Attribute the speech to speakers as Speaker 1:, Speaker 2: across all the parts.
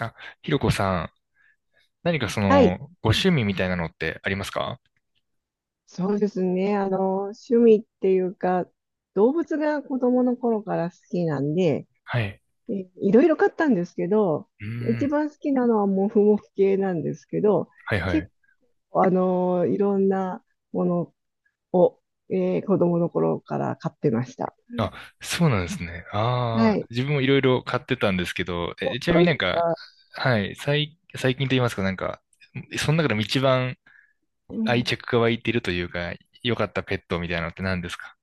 Speaker 1: あ、ひろこさん、何かそ
Speaker 2: は
Speaker 1: の、
Speaker 2: い、
Speaker 1: ご趣味みたいなのってありますか？
Speaker 2: そうですね。趣味っていうか、動物が子供の頃から好きなんで、
Speaker 1: はい。
Speaker 2: いろいろ飼ったんですけど、
Speaker 1: うー
Speaker 2: 一
Speaker 1: ん。
Speaker 2: 番好きなのはモフモフ系なんですけど、
Speaker 1: はいは
Speaker 2: 結
Speaker 1: い。
Speaker 2: 構、いろんなものを、子供の頃から飼ってました。
Speaker 1: あ、そうなんですね。
Speaker 2: は
Speaker 1: ああ、
Speaker 2: い。
Speaker 1: 自分もいろいろ買ってたんですけど、
Speaker 2: お、
Speaker 1: ちなみ
Speaker 2: そ
Speaker 1: に
Speaker 2: う
Speaker 1: な
Speaker 2: で
Speaker 1: ん
Speaker 2: す
Speaker 1: か、
Speaker 2: か。
Speaker 1: はい、最近と言いますか、なんか、その中でも一番
Speaker 2: うん。
Speaker 1: 愛着が湧いてるというか、良かったペットみたいなのって何ですか？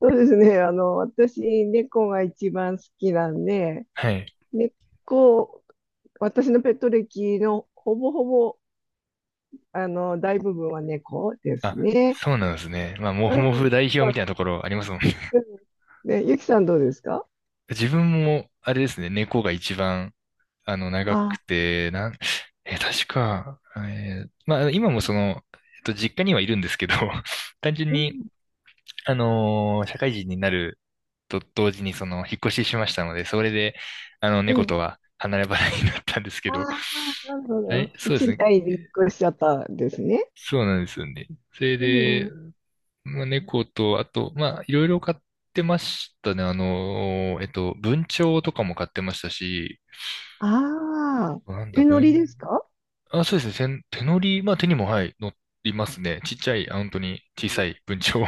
Speaker 2: そうですね。私、猫が一番好きなんで、
Speaker 1: はい。
Speaker 2: 猫、私のペット歴のほぼほぼ大部分は猫です
Speaker 1: あ、
Speaker 2: ね。
Speaker 1: そうなんですね。まあ、も
Speaker 2: う
Speaker 1: ふも
Speaker 2: ん。
Speaker 1: ふ代表みたいなところありますもんね。
Speaker 2: うん。で、ゆきさんどうですか？
Speaker 1: 自分も、あれですね、猫が一番長く
Speaker 2: あ、
Speaker 1: て、なん、え、確か、まあ、今もその、実家にはいるんですけど、単純
Speaker 2: う
Speaker 1: に、
Speaker 2: ん。
Speaker 1: 社会人になると同時に、その、引っ越ししましたので、それで、
Speaker 2: え
Speaker 1: 猫と
Speaker 2: え。
Speaker 1: は離れ離れになったんですけ
Speaker 2: あ
Speaker 1: ど、
Speaker 2: あ、なるほ
Speaker 1: は
Speaker 2: ど。
Speaker 1: い、そうです
Speaker 2: 賃
Speaker 1: ね。
Speaker 2: 貸に引っ越しちゃったんですね。
Speaker 1: そうなんですよね。それ
Speaker 2: うんう
Speaker 1: で、
Speaker 2: ん。
Speaker 1: まあ、猫と、あと、まあ、いろいろ買ってましたね。文鳥とかも買ってましたし、
Speaker 2: ああ、
Speaker 1: なんだ、
Speaker 2: 手乗り
Speaker 1: 文
Speaker 2: ですか？
Speaker 1: あ、そうですね。手乗り、まあ手にも、はい、乗りますね。ちっちゃい、あ、本当に小さい文鳥を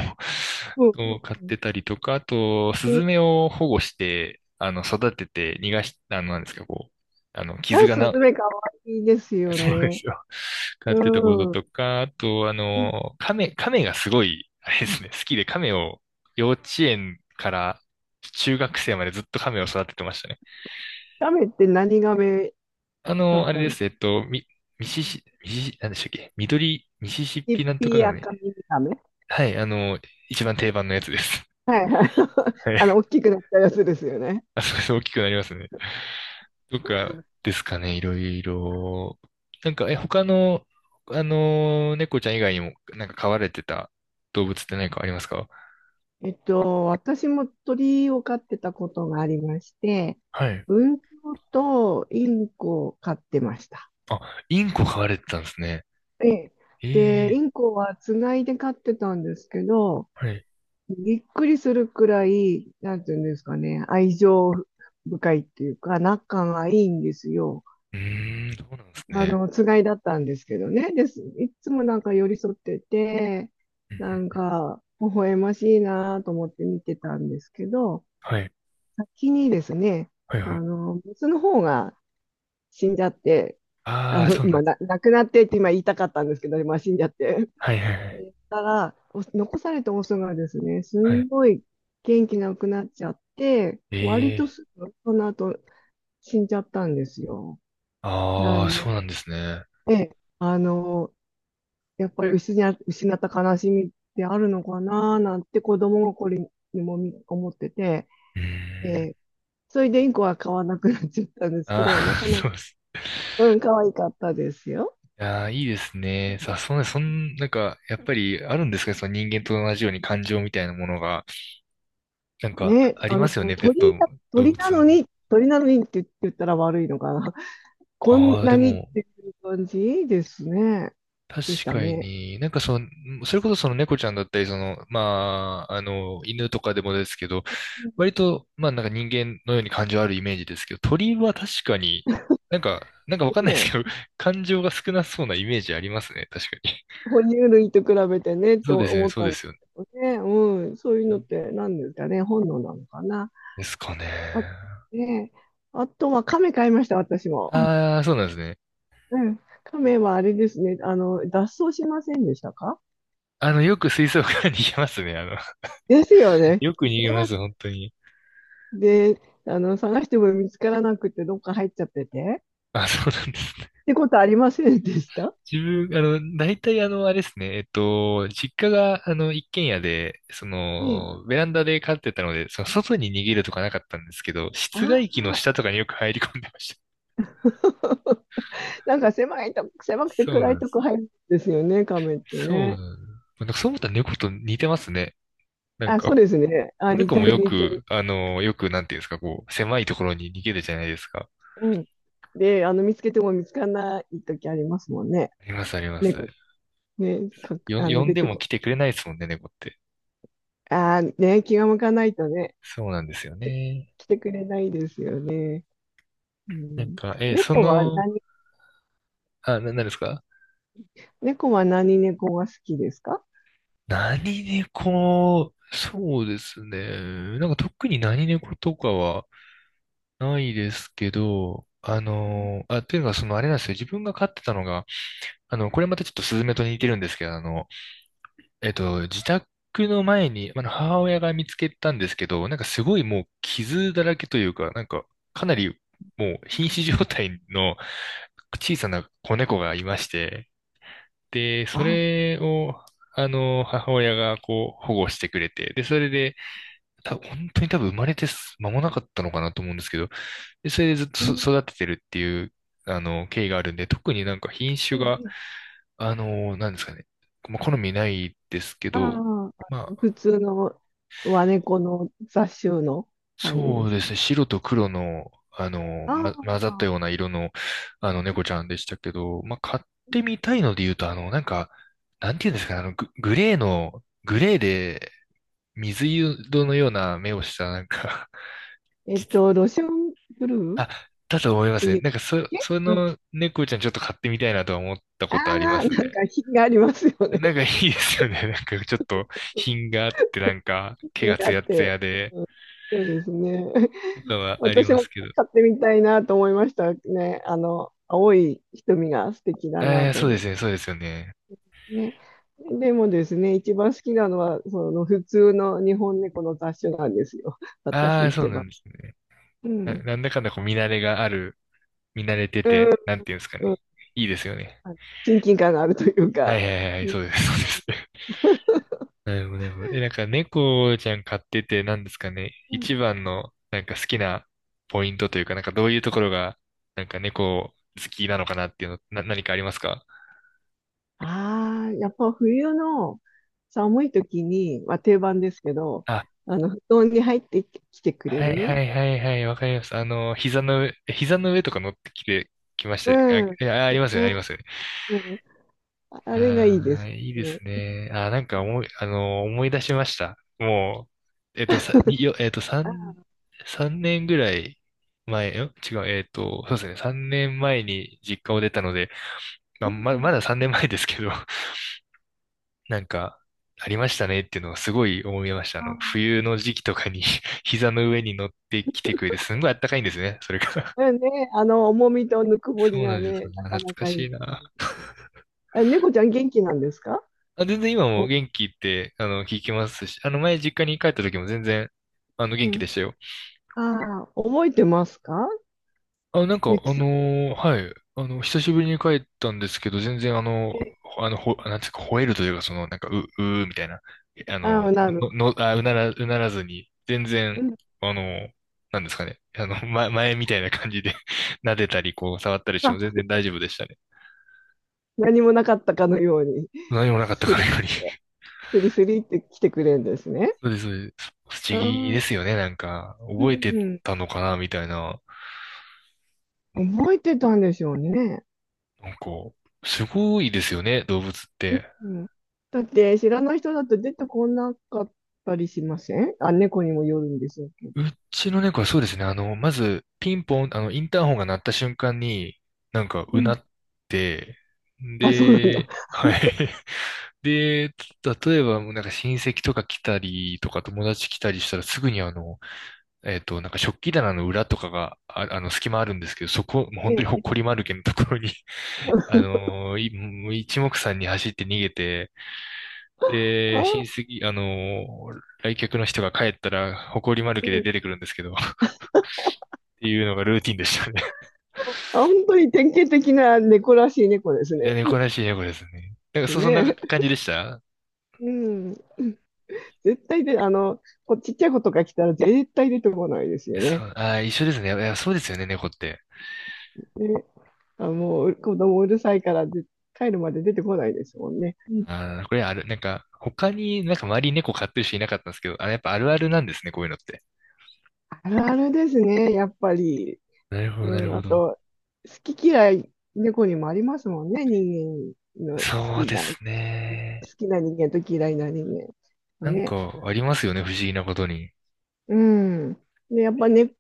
Speaker 2: うんう
Speaker 1: を
Speaker 2: ん
Speaker 1: 飼っ
Speaker 2: うん。
Speaker 1: てたりとか、あと、ス
Speaker 2: え
Speaker 1: ズ
Speaker 2: え、
Speaker 1: メを保護して、育てて逃がし、なんですか、こう、あの、傷
Speaker 2: あ、
Speaker 1: が
Speaker 2: ス
Speaker 1: な、
Speaker 2: ズメかわいいです よ
Speaker 1: そうで
Speaker 2: ね。
Speaker 1: すよ。飼ってたこと
Speaker 2: うん。
Speaker 1: とか、あと、亀がすごい、あれですね、好きで亀を幼稚園から中学生までずっと亀を育ててましたね。
Speaker 2: ガメって何ガメだっ
Speaker 1: あれ
Speaker 2: た
Speaker 1: で
Speaker 2: んですか？
Speaker 1: す。えっと、ミ、ミシシ、ミシシ、なんでしたっけ、緑、ミシシッ
Speaker 2: 一
Speaker 1: ピなんとか
Speaker 2: 匹
Speaker 1: がね。
Speaker 2: 赤耳ガメ。
Speaker 1: はい、一番定番のやつです。
Speaker 2: はいはい。
Speaker 1: はい。
Speaker 2: 大 きくなったやつですよね。
Speaker 1: あ、そうです。大きくなりますね。とかですかね、いろいろ。なんか、他の、猫ちゃん以外にも、なんか飼われてた動物って何かありますか？
Speaker 2: 私も鳥を飼ってたことがありまして、
Speaker 1: はい。
Speaker 2: 文鳥とインコを飼ってました。
Speaker 1: あ、インコ飼われてたんですね。
Speaker 2: ええ。で、イ
Speaker 1: ええ。
Speaker 2: ンコはつがいで飼ってたんですけど、
Speaker 1: はい。
Speaker 2: びっくりするくらい、なんていうんですかね、愛情深いっていうか、仲がいいんですよ。
Speaker 1: うーん、そうなんです
Speaker 2: あ
Speaker 1: ね。
Speaker 2: の、つがいだったんですけどね。です。いつもなんか寄り添ってて、
Speaker 1: うん
Speaker 2: なん
Speaker 1: うん。
Speaker 2: か、微笑ましいなと思って見てたんですけど、
Speaker 1: はい、
Speaker 2: 先にですね、
Speaker 1: はい、はい。
Speaker 2: メスの方が死んじゃって、
Speaker 1: ああ、そうなん
Speaker 2: まあ、
Speaker 1: です。
Speaker 2: 亡くなってって今言いたかったんですけど、まあ、死んじゃって。
Speaker 1: はい、はい、は
Speaker 2: え
Speaker 1: い。
Speaker 2: ーたら、お残されたオスがですね、す
Speaker 1: は
Speaker 2: ん
Speaker 1: い。
Speaker 2: ごい元気なくなっちゃって、割と
Speaker 1: ええ。
Speaker 2: すぐ、その後死んじゃったんですよ。な
Speaker 1: あ
Speaker 2: ん
Speaker 1: あ、そ
Speaker 2: で、
Speaker 1: うなんですね。
Speaker 2: であの、やっぱり失った悲しみってあるのかななんて子供心にも思ってて、
Speaker 1: う
Speaker 2: え
Speaker 1: ーん。
Speaker 2: ーそれでインコは飼わなくなっちゃったんですけ
Speaker 1: あ
Speaker 2: ど、なか
Speaker 1: あ、
Speaker 2: な、
Speaker 1: そうです。
Speaker 2: うん、可愛かったですよ。
Speaker 1: いやー、いいですね。さそんな、そん、なんか、やっぱりあるんですかね、その人間と同じように感情みたいなものが。なんか、
Speaker 2: ね、
Speaker 1: あり
Speaker 2: あ
Speaker 1: ますよ
Speaker 2: の、
Speaker 1: ね、ペット、動
Speaker 2: 鳥な
Speaker 1: 物
Speaker 2: の
Speaker 1: も。
Speaker 2: に、鳥なのにって言ったら悪いのかな。こん
Speaker 1: ああ、で
Speaker 2: なにっ
Speaker 1: も、
Speaker 2: ていう感じですね。
Speaker 1: 確
Speaker 2: でした
Speaker 1: か
Speaker 2: ね。
Speaker 1: に、なんかその、それこそその猫ちゃんだったり、その、まあ、犬とかでもですけど、割と、まあ、なんか人間のように感情あるイメージですけど、鳥は確かに、なんか、なんかわかんないです
Speaker 2: で、
Speaker 1: けど、感情が少なそうなイメージありますね、確かに。
Speaker 2: 哺乳類と比べてねって
Speaker 1: そうですよね、
Speaker 2: 思っ
Speaker 1: そう
Speaker 2: た
Speaker 1: で
Speaker 2: んで
Speaker 1: すよね。
Speaker 2: すけどね。うん、そういうのって何ですかね。本能なのかな。
Speaker 1: ですかね。
Speaker 2: あ、ね、あとは亀買いました、私も。
Speaker 1: ああ、そうなんですね。
Speaker 2: うん。亀はあれですね。脱走しませんでしたか？
Speaker 1: よく水槽から逃げますね。
Speaker 2: ですよ ね。
Speaker 1: よく逃
Speaker 2: 逃
Speaker 1: げ
Speaker 2: げ
Speaker 1: ま
Speaker 2: ま
Speaker 1: す、本当に。
Speaker 2: で、探しても見つからなくて、どっか入っちゃってて。
Speaker 1: あ、そうなんですね。
Speaker 2: ってことありませんでした？
Speaker 1: 自分、大体あれですね。実家が、一軒家で、そ
Speaker 2: ねえ。
Speaker 1: の、ベランダで飼ってたので、その、外に逃げるとかなかったんですけど、
Speaker 2: あ
Speaker 1: 室外機の
Speaker 2: あ、
Speaker 1: 下とかによく入り込んでました。
Speaker 2: なんか狭くて
Speaker 1: そう
Speaker 2: 暗
Speaker 1: な
Speaker 2: い
Speaker 1: んで
Speaker 2: と
Speaker 1: す。
Speaker 2: こ入るんですよね、亀って
Speaker 1: そうなん
Speaker 2: ね。
Speaker 1: です。なんかそう思ったら猫と似てますね。なん
Speaker 2: あ、そう
Speaker 1: か、
Speaker 2: ですね。あ、
Speaker 1: 子猫もよ
Speaker 2: 似て
Speaker 1: く、
Speaker 2: る。
Speaker 1: なんていうんですか、こう、狭いところに逃げるじゃないですか。
Speaker 2: うん。で、見つけても見つからない時ありますもんね。
Speaker 1: あります、ありま
Speaker 2: 猫、
Speaker 1: す。
Speaker 2: ね、
Speaker 1: 呼ん
Speaker 2: 出
Speaker 1: で
Speaker 2: て
Speaker 1: も
Speaker 2: こ
Speaker 1: 来
Speaker 2: な
Speaker 1: て
Speaker 2: い。
Speaker 1: くれないですもんね、猫って。
Speaker 2: ああ、ね、気が向かないとね、
Speaker 1: そうなんですよね。
Speaker 2: 来てくれないですよね。う
Speaker 1: なん
Speaker 2: ん、
Speaker 1: か、え、そ
Speaker 2: 猫は
Speaker 1: の、
Speaker 2: 何
Speaker 1: あ、な、なんですか？
Speaker 2: 猫は何猫が好きですか？
Speaker 1: 何猫、そうですね。なんか特に何猫とかはないですけど、
Speaker 2: うん、
Speaker 1: というのがそのあれなんですよ。自分が飼ってたのが、これまたちょっとスズメと似てるんですけど、自宅の前に、母親が見つけたんですけど、なんかすごいもう傷だらけというか、なんかかなりもう瀕死状態の小さな子猫がいまして、で、そ
Speaker 2: あ、
Speaker 1: れを、母親がこう保護してくれて、で、それで、本当に多分生まれて間もなかったのかなと思うんですけど、で、それでずっと
Speaker 2: えー、
Speaker 1: 育ててるっていう、経緯があるんで、特になんか品
Speaker 2: え
Speaker 1: 種が、
Speaker 2: ー
Speaker 1: なんですかね、まあ好みないですけ
Speaker 2: あ
Speaker 1: ど、ま
Speaker 2: ー、普通の和猫の雑種の感じ
Speaker 1: そ
Speaker 2: で
Speaker 1: う
Speaker 2: し
Speaker 1: で
Speaker 2: た
Speaker 1: す
Speaker 2: ね。
Speaker 1: ね。白と黒の、
Speaker 2: あ
Speaker 1: 混ざった
Speaker 2: あ、
Speaker 1: ような色の、猫ちゃんでしたけど、まあ、買ってみたいので言うと、なんか、なんていうんですかね、グレーで、水色のような目をした、なんか
Speaker 2: えっ
Speaker 1: 実
Speaker 2: と、ロシアンブルーっ
Speaker 1: あ、だと思いま
Speaker 2: て
Speaker 1: すね。
Speaker 2: いうん
Speaker 1: なんか、
Speaker 2: だっけ、
Speaker 1: そ
Speaker 2: うん、
Speaker 1: の猫ちゃんちょっと買ってみたいなとは思った
Speaker 2: あ
Speaker 1: ことありま
Speaker 2: あ、
Speaker 1: すね。
Speaker 2: なんか品がありますよ
Speaker 1: なん
Speaker 2: ね。
Speaker 1: かいいですよね。なんか、ちょっと、品 があって、なんか、毛
Speaker 2: 品
Speaker 1: が
Speaker 2: があ
Speaker 1: ツ
Speaker 2: っ
Speaker 1: ヤツ
Speaker 2: て。
Speaker 1: ヤで、
Speaker 2: そうですね。
Speaker 1: とかはあり
Speaker 2: 私
Speaker 1: ま
Speaker 2: も
Speaker 1: すけど。
Speaker 2: 買ってみたいなと思いましたね。あの、青い瞳が素敵だな
Speaker 1: えー、
Speaker 2: と
Speaker 1: そう
Speaker 2: 思
Speaker 1: で
Speaker 2: って
Speaker 1: すね、そうですよね。
Speaker 2: ね。でもですね、一番好きなのは、その普通の日本猫の雑種なんですよ。
Speaker 1: あ
Speaker 2: 私
Speaker 1: あ、そう
Speaker 2: 一
Speaker 1: な
Speaker 2: 番。
Speaker 1: んですね。
Speaker 2: うん。
Speaker 1: なんだかんだこう見慣れがある、見慣れて
Speaker 2: うん。
Speaker 1: て、なんていうんですか
Speaker 2: うん、
Speaker 1: ね。いいですよね。
Speaker 2: 親近感があるという
Speaker 1: は
Speaker 2: か。
Speaker 1: いはいはい、
Speaker 2: う
Speaker 1: そうです、そうです。なるほど、なるほど。なんか猫ちゃん飼ってて、なんですかね。
Speaker 2: ん、
Speaker 1: 一番の、なんか好きなポイントというか、なんかどういうところが、なんか猫好きなのかなっていうの、何かありますか？
Speaker 2: ああー、やっぱ冬の寒い時に、まあ、定番ですけど、
Speaker 1: あ、
Speaker 2: 布団に入ってきてくれ
Speaker 1: はい
Speaker 2: る。
Speaker 1: はいはいはい、わかります。膝の上とか乗ってきて、きました。あ、
Speaker 2: うん。
Speaker 1: ありますよね、あり
Speaker 2: ね、
Speaker 1: ます。
Speaker 2: うん。あれがいい
Speaker 1: あ
Speaker 2: で
Speaker 1: あ、
Speaker 2: す
Speaker 1: いいで
Speaker 2: ね。
Speaker 1: すね。なんか思い、あのー、思い出しました。もう、えっと、さ、によ、えっと、三、三年ぐらい前、違う、そうですね、三年前に実家を出たので、ま
Speaker 2: う
Speaker 1: あ、
Speaker 2: ん。
Speaker 1: まだ三年前ですけど、なんか、ありましたねっていうのをすごい思いました。
Speaker 2: あ
Speaker 1: 冬の時期とかに 膝の上に乗ってきてくれて、すんごいあったかいんですね、それが。
Speaker 2: あ、うんね、重みとぬくもり
Speaker 1: そうな
Speaker 2: が
Speaker 1: んです
Speaker 2: ね、
Speaker 1: よ。
Speaker 2: な
Speaker 1: あ、懐
Speaker 2: かな
Speaker 1: か
Speaker 2: かい
Speaker 1: し
Speaker 2: い。
Speaker 1: いな。
Speaker 2: あ、猫ちゃん元気なんですか？
Speaker 1: あ、全然今も
Speaker 2: お、
Speaker 1: 元気って、聞きますし、前実家に帰った時も全然、
Speaker 2: う
Speaker 1: 元気
Speaker 2: ん。
Speaker 1: でしたよ。
Speaker 2: ああ、覚えてますか？
Speaker 1: あ、なんか、
Speaker 2: ゆきさんと。
Speaker 1: はい、久しぶりに帰ったんですけど、全然あの、
Speaker 2: え、
Speaker 1: ほあの、ほ、なんていうか、吠えるというか、その、なんか、う、うーみたいな、えあ
Speaker 2: あ
Speaker 1: の、
Speaker 2: あ、なる。
Speaker 1: の、の、あ、うなら、うならずに、全
Speaker 2: う
Speaker 1: 然、
Speaker 2: ん。
Speaker 1: あの、なんですかね、前みたいな感じで 撫でたり、こう、触ったりしても全
Speaker 2: あ、
Speaker 1: 然大丈夫でしたね。
Speaker 2: 何もなかったかのように、
Speaker 1: 何もなかった
Speaker 2: ス
Speaker 1: か
Speaker 2: リ
Speaker 1: ら
Speaker 2: っ
Speaker 1: より。
Speaker 2: て、スリスリって来てくれるんですね。
Speaker 1: そうです、そうです。不
Speaker 2: う
Speaker 1: 思議で
Speaker 2: ん。
Speaker 1: すよね、なんか、
Speaker 2: う
Speaker 1: 覚えて
Speaker 2: ん。
Speaker 1: たのかな、みたいな。
Speaker 2: 覚えてたんでしょうね。
Speaker 1: なんか、すごいですよね、動物って。
Speaker 2: うん。だって、知らない人だと出てこなかったりしません？あ、猫にもよるんでしょうけど。
Speaker 1: うちの猫はそうですね、まず、ピンポン、インターホンが鳴った瞬間に、なんか、
Speaker 2: う
Speaker 1: うな
Speaker 2: ん。
Speaker 1: って、
Speaker 2: あ、そうなんだ。
Speaker 1: で、はい。で、例えば、もうなんか親戚とか来たりとか友達来たりしたらすぐになんか食器棚の裏とかが、あ、隙間あるんですけど、そこ、もう
Speaker 2: え
Speaker 1: 本当にほっ
Speaker 2: え。
Speaker 1: こり丸けのところに、もう一目散に走って逃げて、
Speaker 2: あ
Speaker 1: で、親
Speaker 2: あ、
Speaker 1: 戚、来客の人が帰ったら、埃まる
Speaker 2: う
Speaker 1: けで
Speaker 2: ん。
Speaker 1: 出てくるんですけど、っていうのがルーティンでしたね。
Speaker 2: あ、本当に典型的な猫らしい猫です
Speaker 1: いや、
Speaker 2: ね。
Speaker 1: 猫らしい猫ですね。なんか、そんな
Speaker 2: ね。
Speaker 1: 感じでした。
Speaker 2: うん。絶対で、こちっちゃい子とか来たら絶対出てこないですよ
Speaker 1: そ
Speaker 2: ね。
Speaker 1: う、あー、一緒ですね。いや、そうですよね、猫って。
Speaker 2: ね。あ、もう子供うるさいからで帰るまで出てこないですもんね。うん、
Speaker 1: これある、なんか、他になんか周りに猫飼ってる人いなかったんですけど、あ、やっぱあるあるなんですね、こういうのって。
Speaker 2: あるあるですね、やっぱり。
Speaker 1: なるほど、
Speaker 2: う
Speaker 1: なる
Speaker 2: ん。
Speaker 1: ほ
Speaker 2: あ
Speaker 1: ど。
Speaker 2: と、好き嫌い、猫にもありますもんね。人間の
Speaker 1: そうで
Speaker 2: 好
Speaker 1: すね。
Speaker 2: きな人間と嫌いな人間。
Speaker 1: なん
Speaker 2: ね。
Speaker 1: か、ありますよね、不思議なことに。
Speaker 2: うん。で、やっぱね、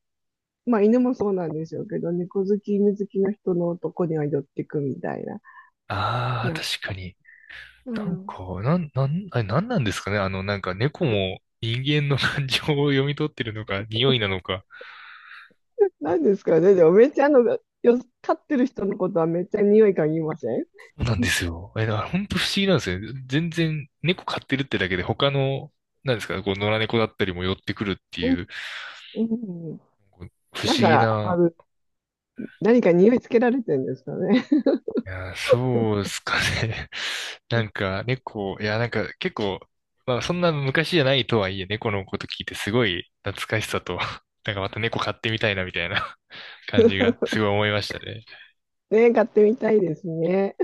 Speaker 2: まあ犬もそうなんでしょうけど、猫好き、犬好きの人のとこには寄ってくみたいな。
Speaker 1: ああ、
Speaker 2: な、
Speaker 1: 確かに。
Speaker 2: う
Speaker 1: なん
Speaker 2: ん。
Speaker 1: か、なん、なん、あれ、なんなんですかね。なんか猫も人間の感情を読み取ってるのか、匂いなのか。
Speaker 2: なんですかね。でもめっちゃあの、飼ってる人のことはめっちゃ匂い嗅ぎません？
Speaker 1: そうなん
Speaker 2: う
Speaker 1: で
Speaker 2: ん、
Speaker 1: すよ。だから本当不思議なんですよね。全然猫飼ってるってだけで他の、なんですか、こう野良猫だったりも寄ってくるって
Speaker 2: うん。
Speaker 1: いう、
Speaker 2: うん、
Speaker 1: こう不
Speaker 2: なん
Speaker 1: 思議
Speaker 2: か、
Speaker 1: な、
Speaker 2: 何か匂いつけられてるんですかね。
Speaker 1: いや、そうですかね。なんか猫、いや、なんか結構、まあそんな昔じゃないとはいえ、猫のこと聞いてすごい懐かしさと、なんかまた猫飼ってみたいなみたいな感じがす ごい思いましたね。
Speaker 2: ね、飼ってみたいですね。